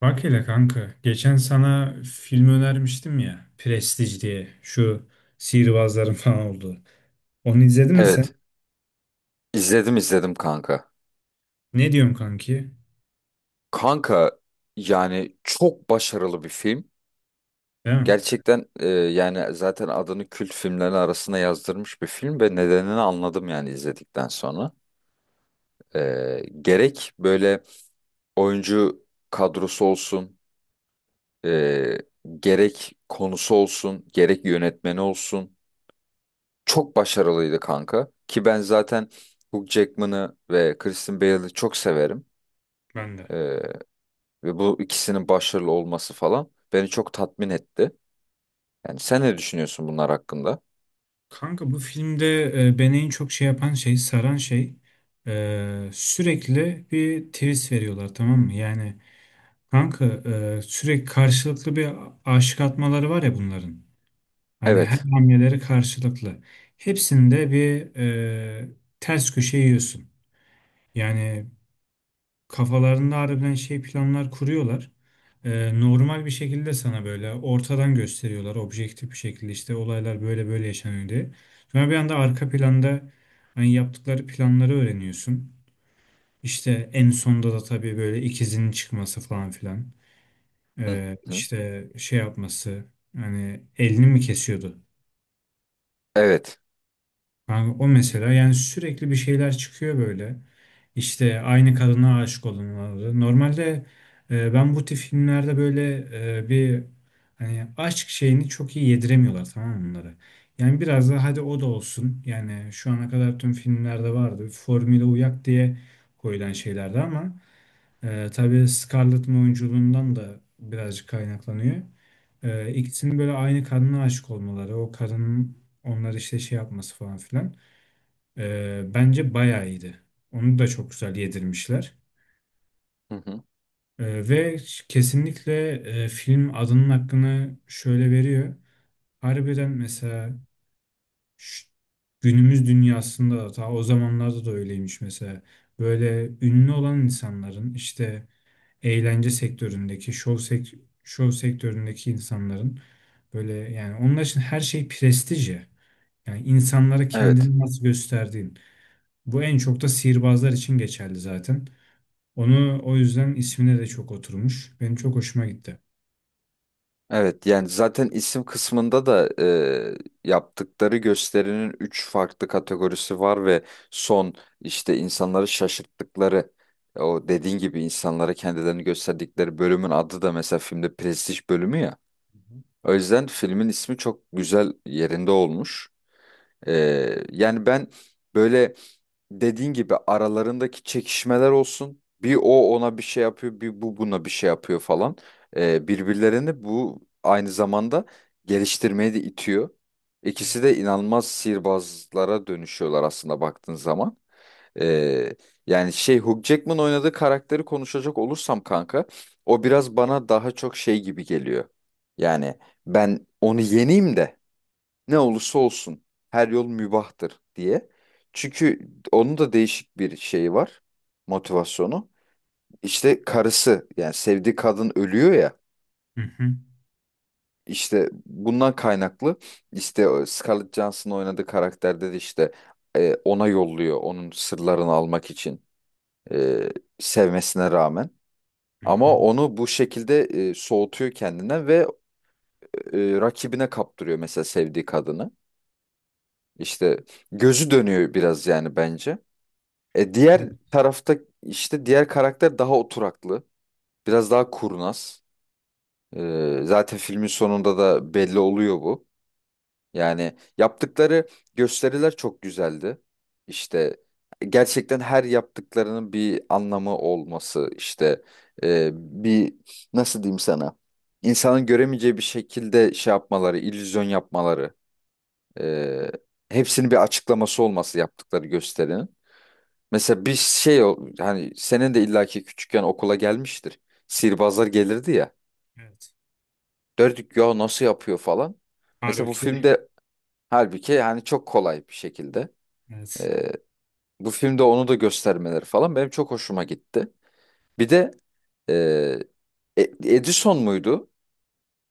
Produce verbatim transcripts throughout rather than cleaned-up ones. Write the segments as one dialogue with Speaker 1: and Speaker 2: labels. Speaker 1: Bak hele kanka, geçen sana film önermiştim ya, Prestige diye, şu sihirbazların falan olduğu. Onu izledin mi sen?
Speaker 2: Evet, izledim izledim kanka.
Speaker 1: Ne diyorsun kanki?
Speaker 2: Kanka, yani çok başarılı bir film.
Speaker 1: Değil mi?
Speaker 2: Gerçekten e, yani zaten adını kült filmlerin arasına yazdırmış bir film ve nedenini anladım yani izledikten sonra. E, gerek böyle oyuncu kadrosu olsun, e, gerek konusu olsun, gerek yönetmeni olsun. Çok başarılıydı kanka. Ki ben zaten Hugh Jackman'ı ve Kristen Bale'ı çok severim.
Speaker 1: Ben de.
Speaker 2: E, Ve bu ikisinin başarılı olması falan beni çok tatmin etti. Yani sen ne düşünüyorsun bunlar hakkında?
Speaker 1: Kanka bu filmde e, beni en çok şey yapan şey, saran şey e, sürekli bir twist veriyorlar tamam mı? Yani kanka e, sürekli karşılıklı bir aşık atmaları var ya bunların. Hani her
Speaker 2: Evet.
Speaker 1: hamleleri karşılıklı. Hepsinde bir e, ters köşe yiyorsun. Yani kafalarında harbiden şey planlar kuruyorlar. Ee, normal bir şekilde sana böyle ortadan gösteriyorlar objektif bir şekilde işte olaylar böyle böyle yaşanıyor diye. Sonra bir anda arka planda hani yaptıkları planları öğreniyorsun. İşte en sonda da tabii böyle ikizinin çıkması falan filan.
Speaker 2: Hı
Speaker 1: Ee,
Speaker 2: hı.
Speaker 1: işte şey yapması hani elini mi kesiyordu?
Speaker 2: Evet.
Speaker 1: Yani o mesela yani sürekli bir şeyler çıkıyor böyle. İşte aynı kadına aşık olunmaları. Normalde e, ben bu tip filmlerde böyle e, bir hani aşk şeyini çok iyi yediremiyorlar tamam mı bunları. Yani biraz da hadi o da olsun. Yani şu ana kadar tüm filmlerde vardı. Formüle uyak diye koyulan şeylerdi ama e, tabii Scarlett'ın oyunculuğundan da birazcık kaynaklanıyor. E, ikisinin böyle aynı kadına aşık olmaları, o kadının onları işte şey yapması falan filan. E, bence bayağı iyiydi. Onu da çok güzel yedirmişler.
Speaker 2: Hı hı.
Speaker 1: Ee, ve kesinlikle e, film adının hakkını şöyle veriyor. Harbiden mesela ş- günümüz dünyasında da ta o zamanlarda da öyleymiş mesela. Böyle ünlü olan insanların işte eğlence sektöründeki, şov, sek şov sektöründeki insanların böyle yani onlar için her şey prestij ya. Yani insanlara
Speaker 2: Evet.
Speaker 1: kendini nasıl gösterdiğin. Bu en çok da sihirbazlar için geçerli zaten. Onu o yüzden ismine de çok oturmuş. Benim çok hoşuma gitti.
Speaker 2: Evet, yani zaten isim kısmında da e, yaptıkları gösterinin üç farklı kategorisi var ve son işte insanları şaşırttıkları, e, o dediğin gibi insanlara kendilerini gösterdikleri bölümün adı da mesela filmde Prestij bölümü ya.
Speaker 1: Hı hı.
Speaker 2: O yüzden filmin ismi çok güzel yerinde olmuş. E, Yani ben böyle dediğin gibi aralarındaki çekişmeler olsun. Bir o ona bir şey yapıyor, bir bu buna bir şey yapıyor falan. Ee, birbirlerini bu aynı zamanda geliştirmeye de itiyor.
Speaker 1: Evet.
Speaker 2: İkisi de inanılmaz sihirbazlara dönüşüyorlar aslında baktığın zaman. Ee, Yani şey Hugh Jackman oynadığı karakteri konuşacak olursam kanka, o biraz bana daha çok şey gibi geliyor. Yani ben onu yeneyim de ne olursa olsun her yol mübahtır diye. Çünkü onun da değişik bir şeyi var, motivasyonu. İşte karısı yani sevdiği kadın ölüyor ya,
Speaker 1: Hı hı.
Speaker 2: işte bundan kaynaklı işte o Scarlett Johansson oynadığı karakterde de işte e, ona yolluyor onun sırlarını almak için, e, sevmesine rağmen.
Speaker 1: Hı
Speaker 2: Ama
Speaker 1: hı.
Speaker 2: onu bu şekilde e, soğutuyor kendine ve e, rakibine kaptırıyor mesela sevdiği kadını. İşte gözü dönüyor biraz yani bence. E,
Speaker 1: Evet.
Speaker 2: diğer tarafta işte diğer karakter daha oturaklı. Biraz daha kurnaz. E, zaten filmin sonunda da belli oluyor bu. Yani yaptıkları gösteriler çok güzeldi. İşte gerçekten her yaptıklarının bir anlamı olması işte, e, bir nasıl diyeyim sana, insanın göremeyeceği bir şekilde şey yapmaları, illüzyon yapmaları, e, hepsinin bir açıklaması olması yaptıkları gösterinin. Mesela bir şey o- hani senin de illaki küçükken okula gelmiştir. Sihirbazlar gelirdi ya.
Speaker 1: Evet.
Speaker 2: Derdik ya nasıl yapıyor falan. Mesela bu
Speaker 1: Halbuki
Speaker 2: filmde halbuki yani çok kolay bir şekilde.
Speaker 1: evet.
Speaker 2: e, Bu filmde onu da göstermeleri falan benim çok hoşuma gitti. Bir de e, E- Edison muydu?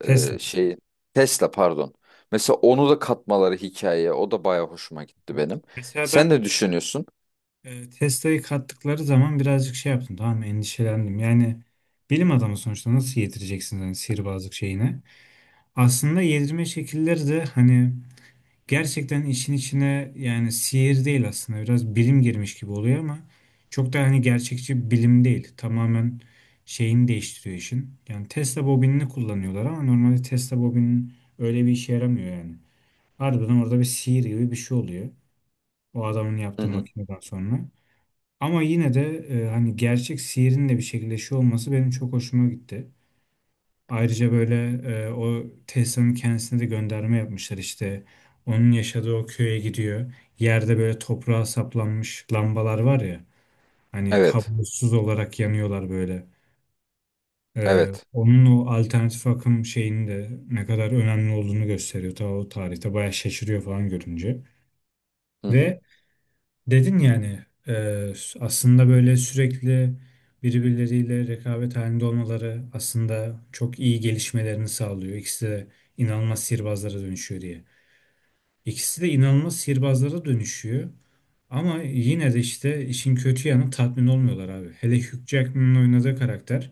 Speaker 1: Tesla.
Speaker 2: E, şey Tesla pardon. Mesela onu da katmaları hikayeye o da baya hoşuma gitti benim.
Speaker 1: Mesela
Speaker 2: Sen
Speaker 1: ben
Speaker 2: ne düşünüyorsun?
Speaker 1: e, Tesla'yı kattıkları zaman birazcık şey yaptım tamam mı? Endişelendim. Yani bilim adamı sonuçta nasıl yedireceksiniz hani sihirbazlık şeyine. Aslında yedirme şekilleri de hani gerçekten işin içine yani sihir değil aslında biraz bilim girmiş gibi oluyor ama çok da hani gerçekçi bilim değil. Tamamen şeyini değiştiriyor işin. Yani Tesla bobinini kullanıyorlar ama normalde Tesla bobinin öyle bir işe yaramıyor yani. Harbiden orada bir sihir gibi bir şey oluyor. O adamın
Speaker 2: Hı
Speaker 1: yaptığı
Speaker 2: hı.
Speaker 1: makineden sonra. Ama yine de e, hani gerçek sihirin de bir şekilde şey olması benim çok hoşuma gitti. Ayrıca böyle e, o Tessa'nın kendisine de gönderme yapmışlar işte. Onun yaşadığı o köye gidiyor. Yerde böyle toprağa saplanmış lambalar var ya. Hani
Speaker 2: Evet.
Speaker 1: kablosuz olarak yanıyorlar böyle. E,
Speaker 2: Evet.
Speaker 1: onun o alternatif akım şeyinin de ne kadar önemli olduğunu gösteriyor. Ta o tarihte bayağı şaşırıyor falan görünce.
Speaker 2: Hı hı.
Speaker 1: Ve dedin yani, e, aslında böyle sürekli birbirleriyle rekabet halinde olmaları aslında çok iyi gelişmelerini sağlıyor. İkisi de inanılmaz sihirbazlara dönüşüyor diye. İkisi de inanılmaz sihirbazlara dönüşüyor. Ama yine de işte işin kötü yanı tatmin olmuyorlar abi. Hele Hugh Jackman'ın oynadığı karakter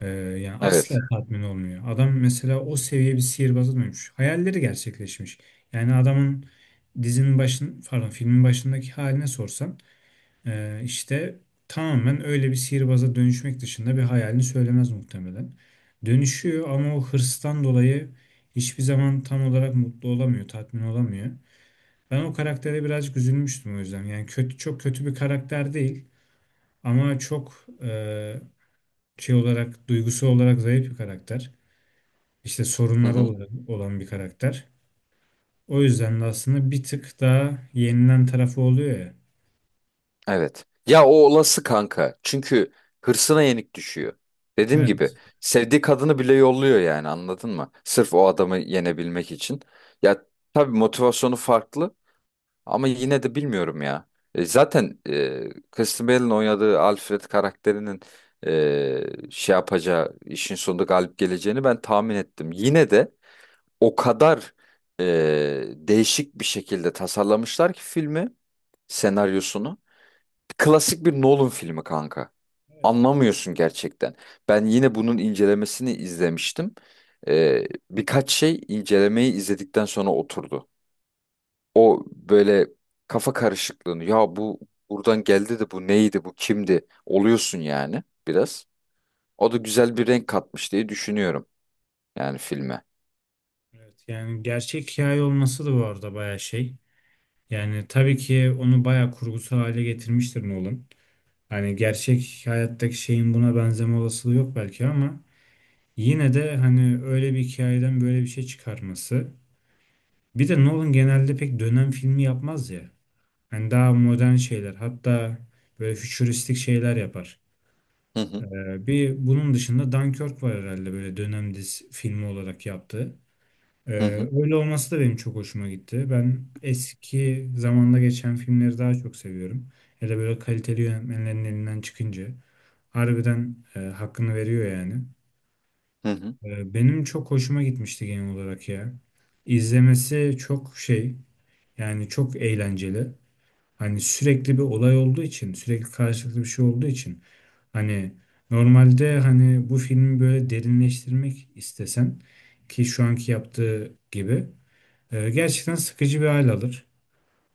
Speaker 1: e, yani asla
Speaker 2: Evet.
Speaker 1: tatmin olmuyor. Adam mesela o seviye bir sihirbaza dönmüş. Hayalleri gerçekleşmiş. Yani adamın dizinin başın pardon filmin başındaki haline sorsan ee, işte tamamen öyle bir sihirbaza dönüşmek dışında bir hayalini söylemez muhtemelen. Dönüşüyor ama o hırstan dolayı hiçbir zaman tam olarak mutlu olamıyor, tatmin olamıyor. Ben o karaktere birazcık üzülmüştüm o yüzden. Yani kötü çok kötü bir karakter değil ama çok e, şey olarak duygusu olarak zayıf bir karakter. İşte
Speaker 2: Hı
Speaker 1: sorunları
Speaker 2: hı.
Speaker 1: olarak olan bir karakter. O yüzden de aslında bir tık daha yenilen tarafı oluyor ya.
Speaker 2: Evet. Ya o olası kanka. Çünkü hırsına yenik düşüyor. Dediğim gibi
Speaker 1: Evet.
Speaker 2: sevdiği kadını bile yolluyor yani, anladın mı? Sırf o adamı yenebilmek için. Ya tabii motivasyonu farklı, ama yine de bilmiyorum ya. E, zaten e, Kristen Bell'in oynadığı Alfred karakterinin e, şey yapacağı işin sonunda galip geleceğini ben tahmin ettim. Yine de o kadar e, değişik bir şekilde tasarlamışlar ki filmi, senaryosunu. Klasik bir Nolan filmi kanka.
Speaker 1: Evet.
Speaker 2: Anlamıyorsun gerçekten. Ben yine bunun incelemesini izlemiştim. Ee, birkaç şey incelemeyi izledikten sonra oturdu. O böyle kafa karışıklığını, ya bu buradan geldi de bu neydi bu kimdi oluyorsun yani biraz. O da güzel bir renk katmış diye düşünüyorum yani filme.
Speaker 1: Evet, yani gerçek hikaye olması da bu arada bayağı şey. Yani tabii ki onu bayağı kurgusal hale getirmiştir Nolan. Hani gerçek hayattaki şeyin buna benzeme olasılığı yok belki ama yine de hani öyle bir hikayeden böyle bir şey çıkarması. Bir de Nolan genelde pek dönem filmi yapmaz ya. Hani daha modern şeyler hatta böyle fütüristik şeyler yapar.
Speaker 2: Hı hı
Speaker 1: Ee, bir bunun dışında Dunkirk var herhalde böyle dönem dizi filmi olarak yaptığı. Ee,
Speaker 2: hı hı.
Speaker 1: öyle olması da benim çok hoşuma gitti. Ben eski zamanda geçen filmleri daha çok seviyorum. Hele böyle kaliteli yönetmenlerin elinden çıkınca harbiden e, hakkını veriyor yani.
Speaker 2: Hı hı.
Speaker 1: Ee, benim çok hoşuma gitmişti genel olarak ya. İzlemesi çok şey yani çok eğlenceli. Hani sürekli bir olay olduğu için sürekli karşılıklı bir şey olduğu için hani normalde hani bu filmi böyle derinleştirmek istesen ki şu anki yaptığı gibi ee, gerçekten sıkıcı bir hal alır.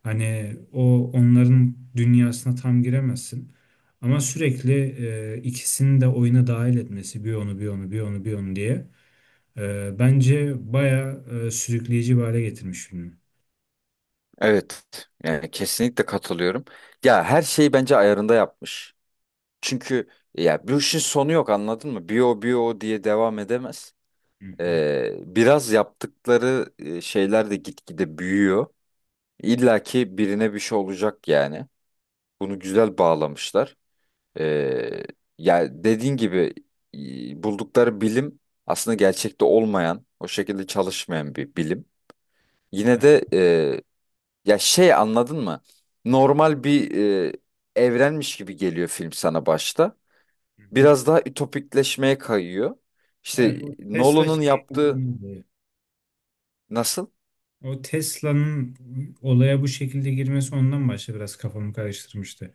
Speaker 1: Hani o onların dünyasına tam giremezsin. Ama sürekli e, ikisini de oyuna dahil etmesi bir onu bir onu bir onu bir onu diye e, bence baya sürükleyici bir hale getirmiş filmi.
Speaker 2: Evet, yani kesinlikle katılıyorum. Ya her şeyi bence ayarında yapmış. Çünkü ya bu işin sonu yok, anladın mı? Bir o diye devam edemez.
Speaker 1: Hı hı.
Speaker 2: Ee, biraz yaptıkları e, şeyler de gitgide büyüyor. İlla ki birine bir şey olacak yani. Bunu güzel bağlamışlar. Ee, Ya dediğin gibi, e, buldukları bilim aslında gerçekte olmayan, o şekilde çalışmayan bir bilim. Yine
Speaker 1: Yani,
Speaker 2: de, e, ya şey, anladın mı? Normal bir e, evrenmiş gibi geliyor film sana başta.
Speaker 1: hı hı.
Speaker 2: Biraz daha ütopikleşmeye kayıyor.
Speaker 1: Evet,
Speaker 2: İşte
Speaker 1: o Tesla
Speaker 2: Nolan'ın
Speaker 1: şeyi
Speaker 2: yaptığı nasıl?
Speaker 1: o Tesla'nın olaya bu şekilde girmesi ondan başta biraz kafamı karıştırmıştı.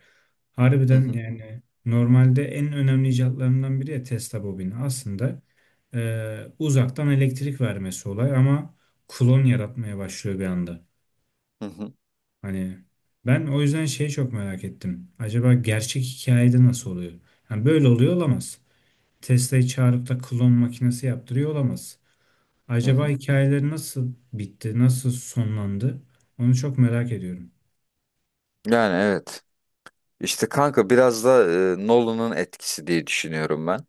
Speaker 2: Hı
Speaker 1: Harbiden
Speaker 2: hı,
Speaker 1: yani normalde en önemli icatlarından biri ya Tesla bobini. Aslında e, uzaktan elektrik vermesi olay ama klon yaratmaya başlıyor bir anda.
Speaker 2: hı hı,
Speaker 1: Hani ben o yüzden şeyi çok merak ettim. Acaba gerçek hikayede nasıl oluyor? Yani böyle oluyor olamaz. Tesla'yı çağırıp da klon makinesi yaptırıyor olamaz.
Speaker 2: hı
Speaker 1: Acaba
Speaker 2: hı.
Speaker 1: hikayeleri nasıl bitti, nasıl sonlandı? Onu çok merak ediyorum.
Speaker 2: Yani evet. İşte kanka biraz da e, Nolan'ın etkisi diye düşünüyorum ben.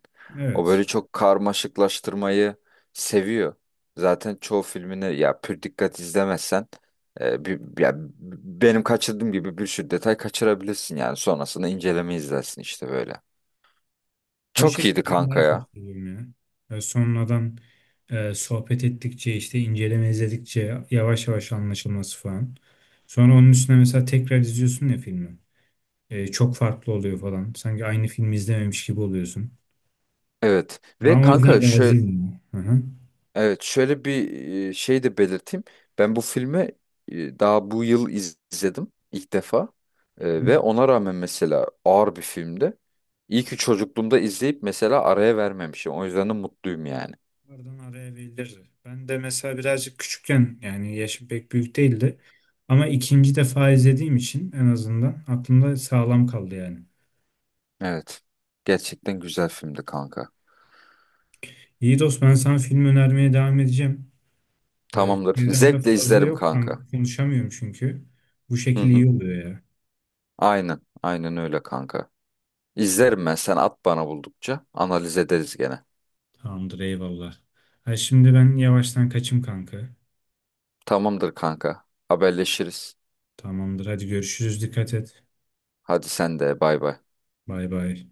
Speaker 2: O
Speaker 1: Evet.
Speaker 2: böyle çok karmaşıklaştırmayı seviyor. Zaten çoğu filmini ya pür dikkat izlemezsen, e, bir, ya, benim kaçırdığım gibi bir sürü detay kaçırabilirsin yani sonrasında inceleme izlersin işte böyle.
Speaker 1: O
Speaker 2: Çok
Speaker 1: şekilde
Speaker 2: iyiydi
Speaker 1: ben
Speaker 2: kanka
Speaker 1: daha çok
Speaker 2: ya.
Speaker 1: seviyorum ya. E, sonradan e, sohbet ettikçe işte inceleme izledikçe yavaş yavaş anlaşılması falan. Sonra onun üstüne mesela tekrar izliyorsun ya filmi. E, çok farklı oluyor falan. Sanki aynı filmi izlememiş gibi oluyorsun.
Speaker 2: Evet ve
Speaker 1: Ben o
Speaker 2: kanka
Speaker 1: yüzden
Speaker 2: şu
Speaker 1: razıyım ya. Hı hı.
Speaker 2: Evet, şöyle bir e, şey de belirteyim. Ben bu filmi e, daha bu yıl iz- izledim ilk defa.
Speaker 1: Hı
Speaker 2: E,
Speaker 1: hı.
Speaker 2: Ve ona rağmen mesela ağır bir filmdi. İyi ki çocukluğumda izleyip mesela araya vermemişim. O yüzden de mutluyum yani.
Speaker 1: Bunlardan araya verilirdi. Ben de mesela birazcık küçükken yani yaşım pek büyük değildi. Ama ikinci defa izlediğim için en azından aklımda sağlam kaldı yani.
Speaker 2: Evet. Gerçekten güzel filmdi kanka.
Speaker 1: İyi dost ben sana film önermeye devam edeceğim. Böyle
Speaker 2: Tamamdır.
Speaker 1: çevremde
Speaker 2: Zevkle
Speaker 1: fazla
Speaker 2: izlerim
Speaker 1: yok
Speaker 2: kanka.
Speaker 1: kanka. Konuşamıyorum çünkü. Bu
Speaker 2: Hı
Speaker 1: şekil
Speaker 2: hı.
Speaker 1: iyi oluyor ya.
Speaker 2: Aynen. Aynen öyle kanka. İzlerim ben. Sen at bana buldukça. Analiz ederiz gene.
Speaker 1: Tamamdır eyvallah. Ha şimdi ben yavaştan kaçım kanka.
Speaker 2: Tamamdır kanka. Haberleşiriz.
Speaker 1: Tamamdır hadi görüşürüz dikkat et.
Speaker 2: Hadi sen de bay bay.
Speaker 1: Bay bay.